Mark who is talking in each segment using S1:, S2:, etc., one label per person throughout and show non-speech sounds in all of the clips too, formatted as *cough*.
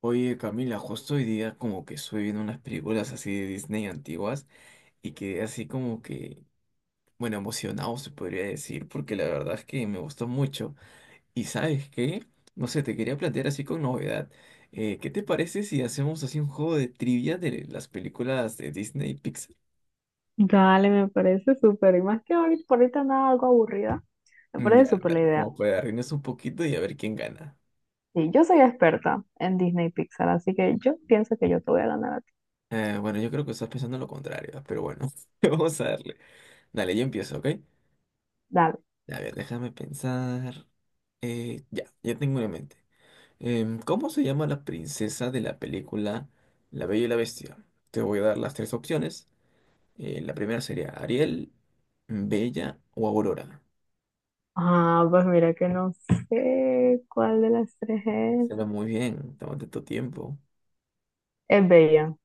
S1: Oye, Camila, justo hoy día como que estuve viendo unas películas así de Disney antiguas y quedé así como que, bueno, emocionado se podría decir, porque la verdad es que me gustó mucho. Y ¿sabes qué? No sé, te quería plantear así con novedad. ¿Qué te parece si hacemos así un juego de trivia de las películas de Disney y Pixar?
S2: Dale, me parece súper. Y más que ahorita, por ahorita andaba algo aburrida, me
S1: Mm,
S2: parece
S1: ya,
S2: súper la
S1: dale,
S2: idea.
S1: como para reírnos un poquito y a ver quién gana.
S2: Y yo soy experta en Disney y Pixar, así que yo pienso que yo te voy a ganar a ti.
S1: Bueno, yo creo que estás pensando lo contrario, pero bueno, *laughs* vamos a darle. Dale, yo empiezo, ¿ok?
S2: Dale.
S1: A ver, déjame pensar. Ya, tengo una en mente. ¿Cómo se llama la princesa de la película La Bella y la Bestia? Te voy a dar las tres opciones. La primera sería Ariel, Bella o Aurora.
S2: Ah, pues mira que no sé cuál de las tres es.
S1: Será muy bien, tómate tu tiempo.
S2: Es Bella.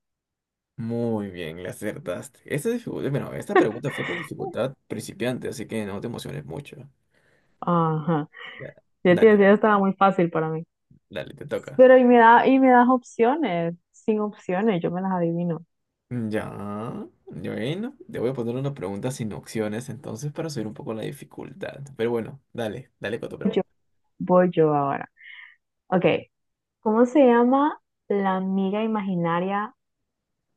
S1: Muy bien, le acertaste. Esta dificultad, bueno, esta pregunta fue con dificultad principiante, así que no te emociones mucho.
S2: Ajá.
S1: Ya,
S2: Ya te
S1: dale,
S2: decía,
S1: dale,
S2: estaba muy fácil para mí.
S1: dale, te toca.
S2: Pero y me das opciones. Sin opciones, yo me las adivino.
S1: Ya, y bueno, te voy a poner una pregunta sin opciones entonces para subir un poco la dificultad. Pero bueno, dale, dale con tu
S2: Yo
S1: pregunta.
S2: voy yo ahora. Ok. ¿Cómo se llama la amiga imaginaria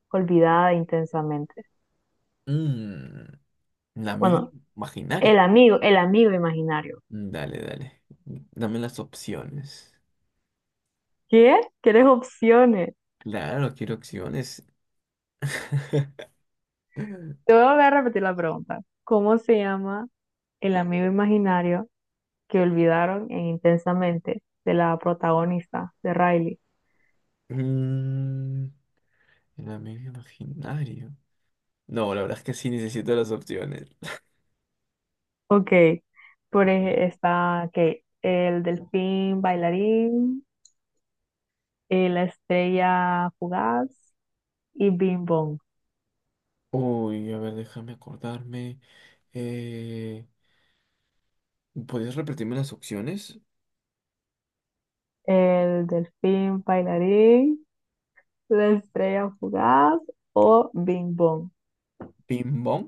S2: olvidada de intensamente?
S1: Mm, la amiga
S2: Bueno,
S1: imaginaria.
S2: el amigo imaginario.
S1: Mm, dale, dale. Dame las opciones.
S2: ¿Qué? ¿Quieres opciones?
S1: Claro, quiero opciones. *laughs*
S2: Te voy a volver a repetir la pregunta. ¿Cómo se llama el amigo imaginario que olvidaron en Intensamente de la protagonista de Riley?
S1: Mm, el amigo imaginario. No, la verdad es que sí necesito las opciones.
S2: Ok. Por ejemplo,
S1: *laughs*
S2: está que el delfín bailarín, la estrella fugaz y Bing Bong.
S1: Uy, a ver, déjame acordarme. Eh, ¿Podrías repetirme las opciones?
S2: El delfín bailarín, la estrella fugaz o Bing Bong.
S1: ¿Ping pong?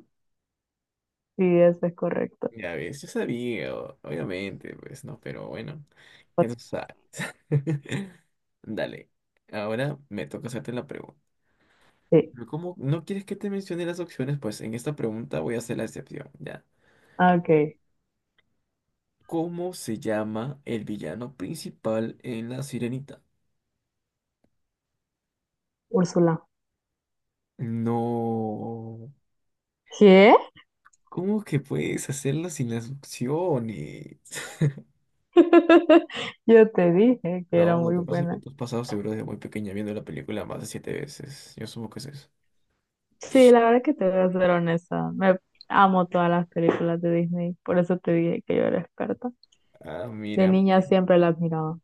S2: Sí, eso es correcto.
S1: Ya ves, yo sabía, obviamente, pues no, pero bueno, ya tú sabes. *laughs* Dale, ahora me toca hacerte la pregunta.
S2: Sí.
S1: Pero como no quieres que te mencione las opciones, pues en esta pregunta voy a hacer la excepción, ya.
S2: Ah, ok.
S1: Bien. ¿Cómo se llama el villano principal en La Sirenita?
S2: Úrsula.
S1: No,
S2: ¿Qué?
S1: ¿cómo que puedes hacerlo sin las opciones? *laughs*
S2: *laughs* Yo te dije que era
S1: No, no, lo
S2: muy
S1: que pasa es que
S2: buena.
S1: tú has pasado seguro desde muy pequeña viendo la película más de 7 veces. Yo supongo que es eso.
S2: Sí, la verdad es que te voy a ser honesta. Me amo todas las películas de Disney. Por eso te dije que yo era experta.
S1: Ah,
S2: De
S1: mira.
S2: niña siempre las miraba.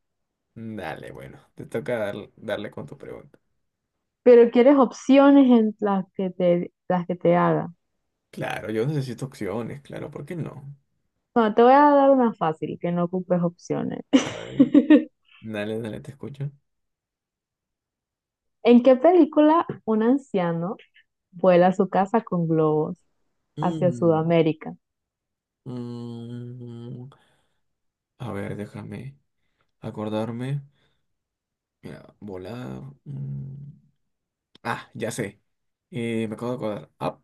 S1: Dale, bueno, te toca darle con tu pregunta.
S2: Pero quieres opciones en las que te haga.
S1: Claro, yo necesito opciones, claro, ¿por qué no?
S2: Bueno, te voy a dar una fácil, que no ocupes opciones.
S1: A ver.
S2: *laughs*
S1: Dale, dale, te escucho.
S2: ¿En qué película un anciano vuela a su casa con globos hacia
S1: Mm,
S2: Sudamérica?
S1: mm, a ver, déjame acordarme. Mira, volar. Mm. Ah, ya sé. Me acabo de acordar. Ah,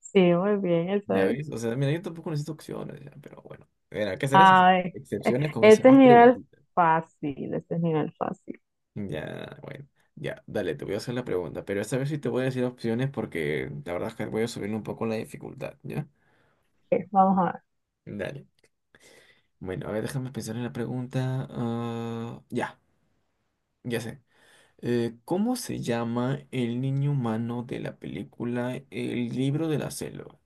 S2: Sí, muy bien,
S1: ya
S2: eso.
S1: ves. O sea, mira, yo tampoco necesito opciones, ya, pero bueno. Mira, ¿qué serás?
S2: Ay, e-
S1: Excepciones con esas
S2: este es
S1: dos
S2: nivel
S1: preguntas.
S2: fácil, este es nivel fácil.
S1: Ya, bueno. Ya, dale, te voy a hacer la pregunta, pero esta vez sí te voy a decir opciones porque la verdad es que voy a subir un poco la dificultad, ¿ya?
S2: Ok, vamos a ver.
S1: Dale. Bueno, a ver, déjame pensar en la pregunta. Ah, ya, ya sé. ¿Cómo se llama el niño humano de la película El libro de la selva?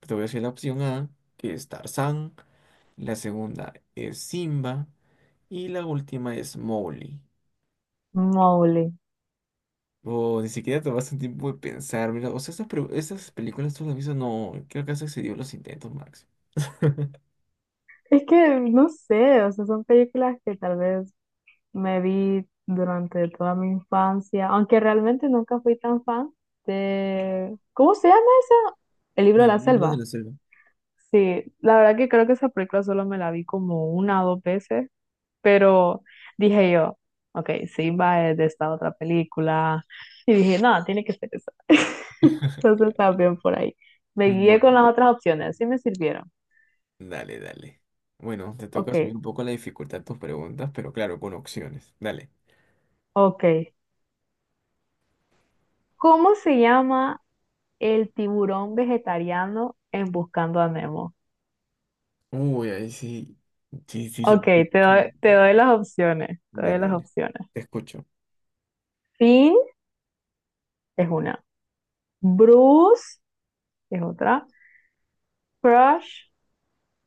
S1: Te voy a decir la opción A, que es Tarzán, la segunda es Simba y la última es Mowgli.
S2: Mowgli.
S1: O ni siquiera tomaste un tiempo de pensar, mira, o sea, estas, estas películas tú las has visto, no, creo que has excedido los intentos, Max.
S2: Es que no sé, o sea, son películas que tal vez me vi durante toda mi infancia, aunque realmente nunca fui tan fan de... ¿Cómo se llama esa? El libro de la
S1: El libro de
S2: selva.
S1: la selva.
S2: Sí, la verdad que creo que esa película solo me la vi como una o dos veces, pero dije yo, ok, Simba es de esta otra película, y dije, no, tiene que ser esa. *laughs*
S1: *laughs*
S2: Entonces también por ahí. Me guié con
S1: Bueno,
S2: las otras opciones, sí me sirvieron.
S1: dale, dale. Bueno, te
S2: Ok,
S1: toca subir un poco la dificultad de tus preguntas, pero claro, con opciones. Dale.
S2: ok. ¿Cómo se llama el tiburón vegetariano en Buscando a Nemo?
S1: Uy, ahí sí. Sí, sí,
S2: Ok,
S1: subiste mucho la
S2: te doy
S1: dificultad.
S2: las opciones, te doy
S1: Dale,
S2: las
S1: dale.
S2: opciones.
S1: Te escucho.
S2: Finn es una, Bruce es otra, Crush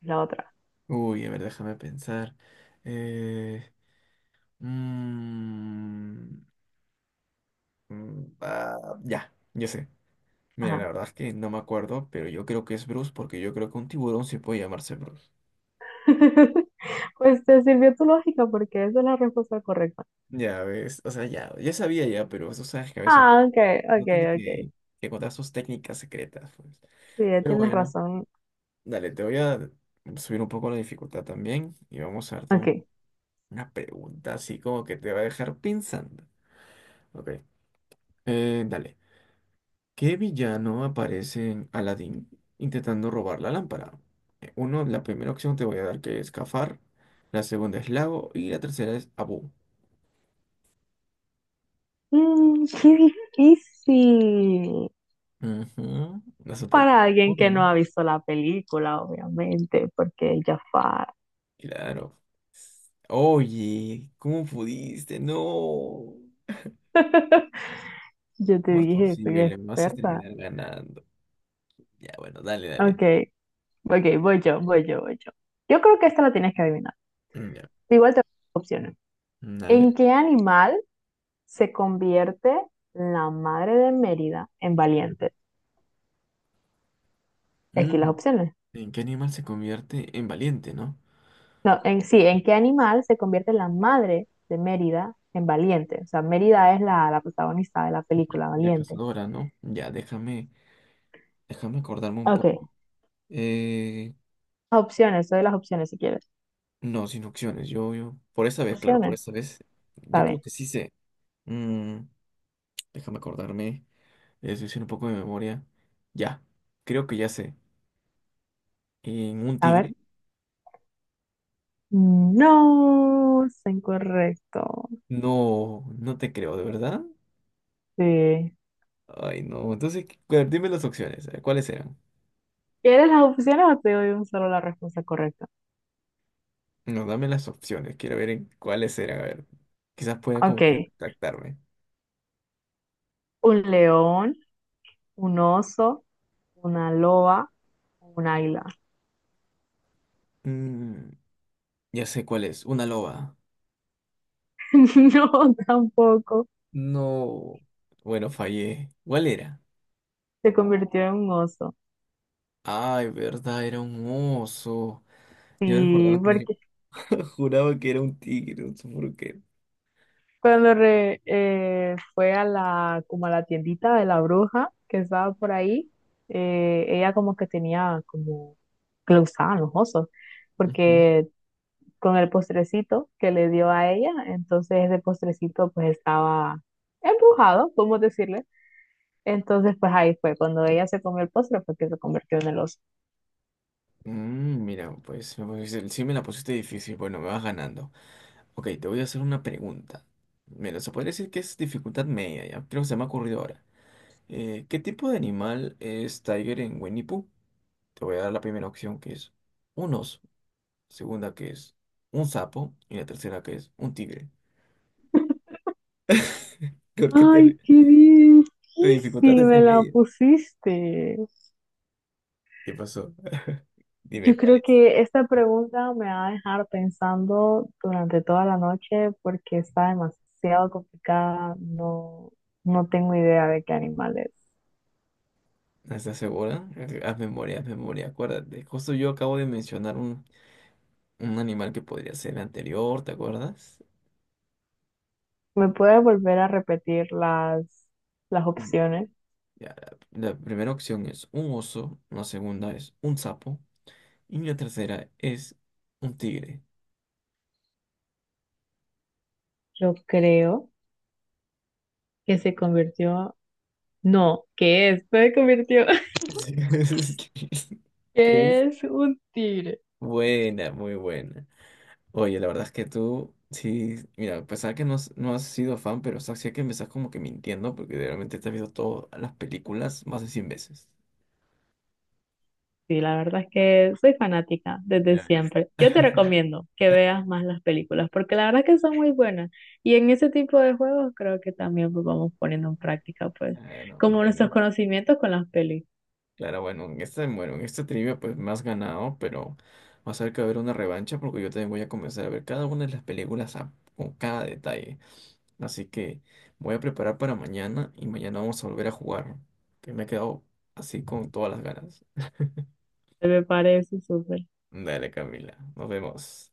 S2: es la otra.
S1: Uy, a ver, déjame pensar. Eh, mm, ah, ya, yo sé. Mira, la
S2: Ajá.
S1: verdad es que no me acuerdo, pero yo creo que es Bruce porque yo creo que un tiburón sí puede llamarse Bruce.
S2: *laughs* Pues te sirvió tu lógica porque esa es la respuesta correcta.
S1: Ya ves, o sea, ya, sabía ya, pero tú sabes que a veces
S2: Ah, ok,
S1: no
S2: ok,
S1: tiene
S2: ok.
S1: que contar sus técnicas secretas, pues.
S2: Sí,
S1: Pero
S2: tienes
S1: bueno,
S2: razón.
S1: dale, te voy a subir un poco la dificultad también y vamos a darte
S2: Ok.
S1: una pregunta así como que te va a dejar pensando. Ok, dale. ¿Qué villano aparece en Aladdin intentando robar la lámpara? Uno, la primera opción te voy a dar que es Cafar, la segunda es Lago y la tercera es Abu.
S2: Mm, qué difícil.
S1: Ujú, hace poco.
S2: Para alguien que
S1: Obvio.
S2: no ha visto la película, obviamente, porque Jafar.
S1: Claro. Oye, ¿cómo pudiste? No.
S2: *laughs* Yo te
S1: ¿Cómo es
S2: dije, soy
S1: posible? Me vas a
S2: experta.
S1: terminar ganando. Ya, bueno, dale, dale.
S2: Ok, ok, voy yo, voy yo, voy yo. Yo creo que esta la tienes que adivinar.
S1: Mm, ya,
S2: Igual te doy opciones.
S1: mm, dale.
S2: ¿En qué animal se convierte la madre de Mérida en Valiente? Aquí las
S1: Mm,
S2: opciones.
S1: ¿en qué animal se convierte en valiente, no?
S2: No, en sí, ¿en qué animal se convierte la madre de Mérida en Valiente? O sea, Mérida es la protagonista de la película
S1: La
S2: Valiente.
S1: cazadora, ¿no? Ya, déjame, acordarme un
S2: Ok,
S1: poco. Eh,
S2: opciones, doy las opciones si quieres.
S1: No, sin opciones. Yo, por esta vez, claro, por
S2: Opciones,
S1: esta vez,
S2: está
S1: yo creo
S2: bien.
S1: que sí sé. Mm, déjame acordarme, es decir, un poco de memoria. Ya, creo que ya sé. ¿En un
S2: A ver.
S1: tigre?
S2: No, es incorrecto.
S1: No, no te creo, ¿de verdad?
S2: Sí.
S1: Ay, no. Entonces, dime las opciones. ¿Cuáles eran?
S2: ¿Quieres las opciones o te doy un solo la respuesta correcta?
S1: No, dame las opciones. Quiero ver en cuáles eran. A ver, quizás pueda
S2: Ok,
S1: como que retractarme.
S2: un león, un oso, una loba, un águila.
S1: Mm, ya sé cuál es. Una loba.
S2: *laughs* No, tampoco.
S1: No. Bueno, fallé. ¿Cuál era?
S2: Se convirtió en un oso.
S1: Ay, verdad, era un oso. Yo
S2: Sí,
S1: recordaba que era.
S2: porque
S1: *laughs* Juraba que era un tigre, no sé por qué.
S2: cuando fue a la, como a la tiendita de la bruja que estaba por ahí, ella como que tenía como que le gustaban los osos,
S1: Ujú.
S2: porque con el postrecito que le dio a ella, entonces ese postrecito pues estaba embrujado, podemos decirle. Entonces pues ahí fue, cuando ella se comió el postre fue que se convirtió en el oso.
S1: Mm, mira, pues sí me la pusiste difícil. Bueno, me vas ganando. Ok, te voy a hacer una pregunta. Mira, se podría decir que es dificultad media, ya. Creo que se me ha ocurrido ahora. ¿Qué tipo de animal es Tiger en Winnie Pooh? Te voy a dar la primera opción que es un oso, segunda que es un sapo y la tercera que es un tigre. *laughs* ¿Por qué te ríes?
S2: Ay, qué
S1: Tu dificultad
S2: difícil
S1: es
S2: me
S1: en
S2: la
S1: medio.
S2: pusiste.
S1: ¿Qué pasó? *laughs* Dime,
S2: Yo
S1: ¿cuál
S2: creo
S1: es?
S2: que esta pregunta me va a dejar pensando durante toda la noche porque está demasiado complicada. No, no tengo idea de qué animal es.
S1: ¿Estás segura? Haz memoria, acuérdate. Justo yo acabo de mencionar un animal que podría ser el anterior, ¿te acuerdas?
S2: ¿Me puede volver a repetir las
S1: Ya,
S2: opciones?
S1: ya, la primera opción es un oso, la segunda es un sapo y la tercera es un tigre.
S2: Yo creo que se convirtió. No, ¿qué es? No se convirtió. *laughs*
S1: Así *laughs* es, que es
S2: ¿Qué es un tigre?
S1: buena, muy buena. Oye, la verdad es que tú, sí, mira, a pesar que no, no has sido fan, pero o sea, sí hay que empezar como que mintiendo porque realmente te has visto todas las películas más de 100 veces.
S2: Sí, la verdad es que soy fanática desde
S1: Ya,
S2: siempre. Yo te recomiendo que veas más las películas porque la verdad es que son muy buenas. Y en ese tipo de juegos creo que también pues, vamos poniendo en práctica, pues,
S1: claro,
S2: como nuestros
S1: bueno,
S2: conocimientos con las pelis.
S1: claro, bueno, en este trivia pues me has ganado, pero va a ser que va a haber una revancha porque yo también voy a comenzar a ver cada una de las películas con cada detalle. Así que voy a preparar para mañana y mañana vamos a volver a jugar, que me he quedado así con todas las ganas.
S2: Me parece súper.
S1: Dale, Camila, nos vemos.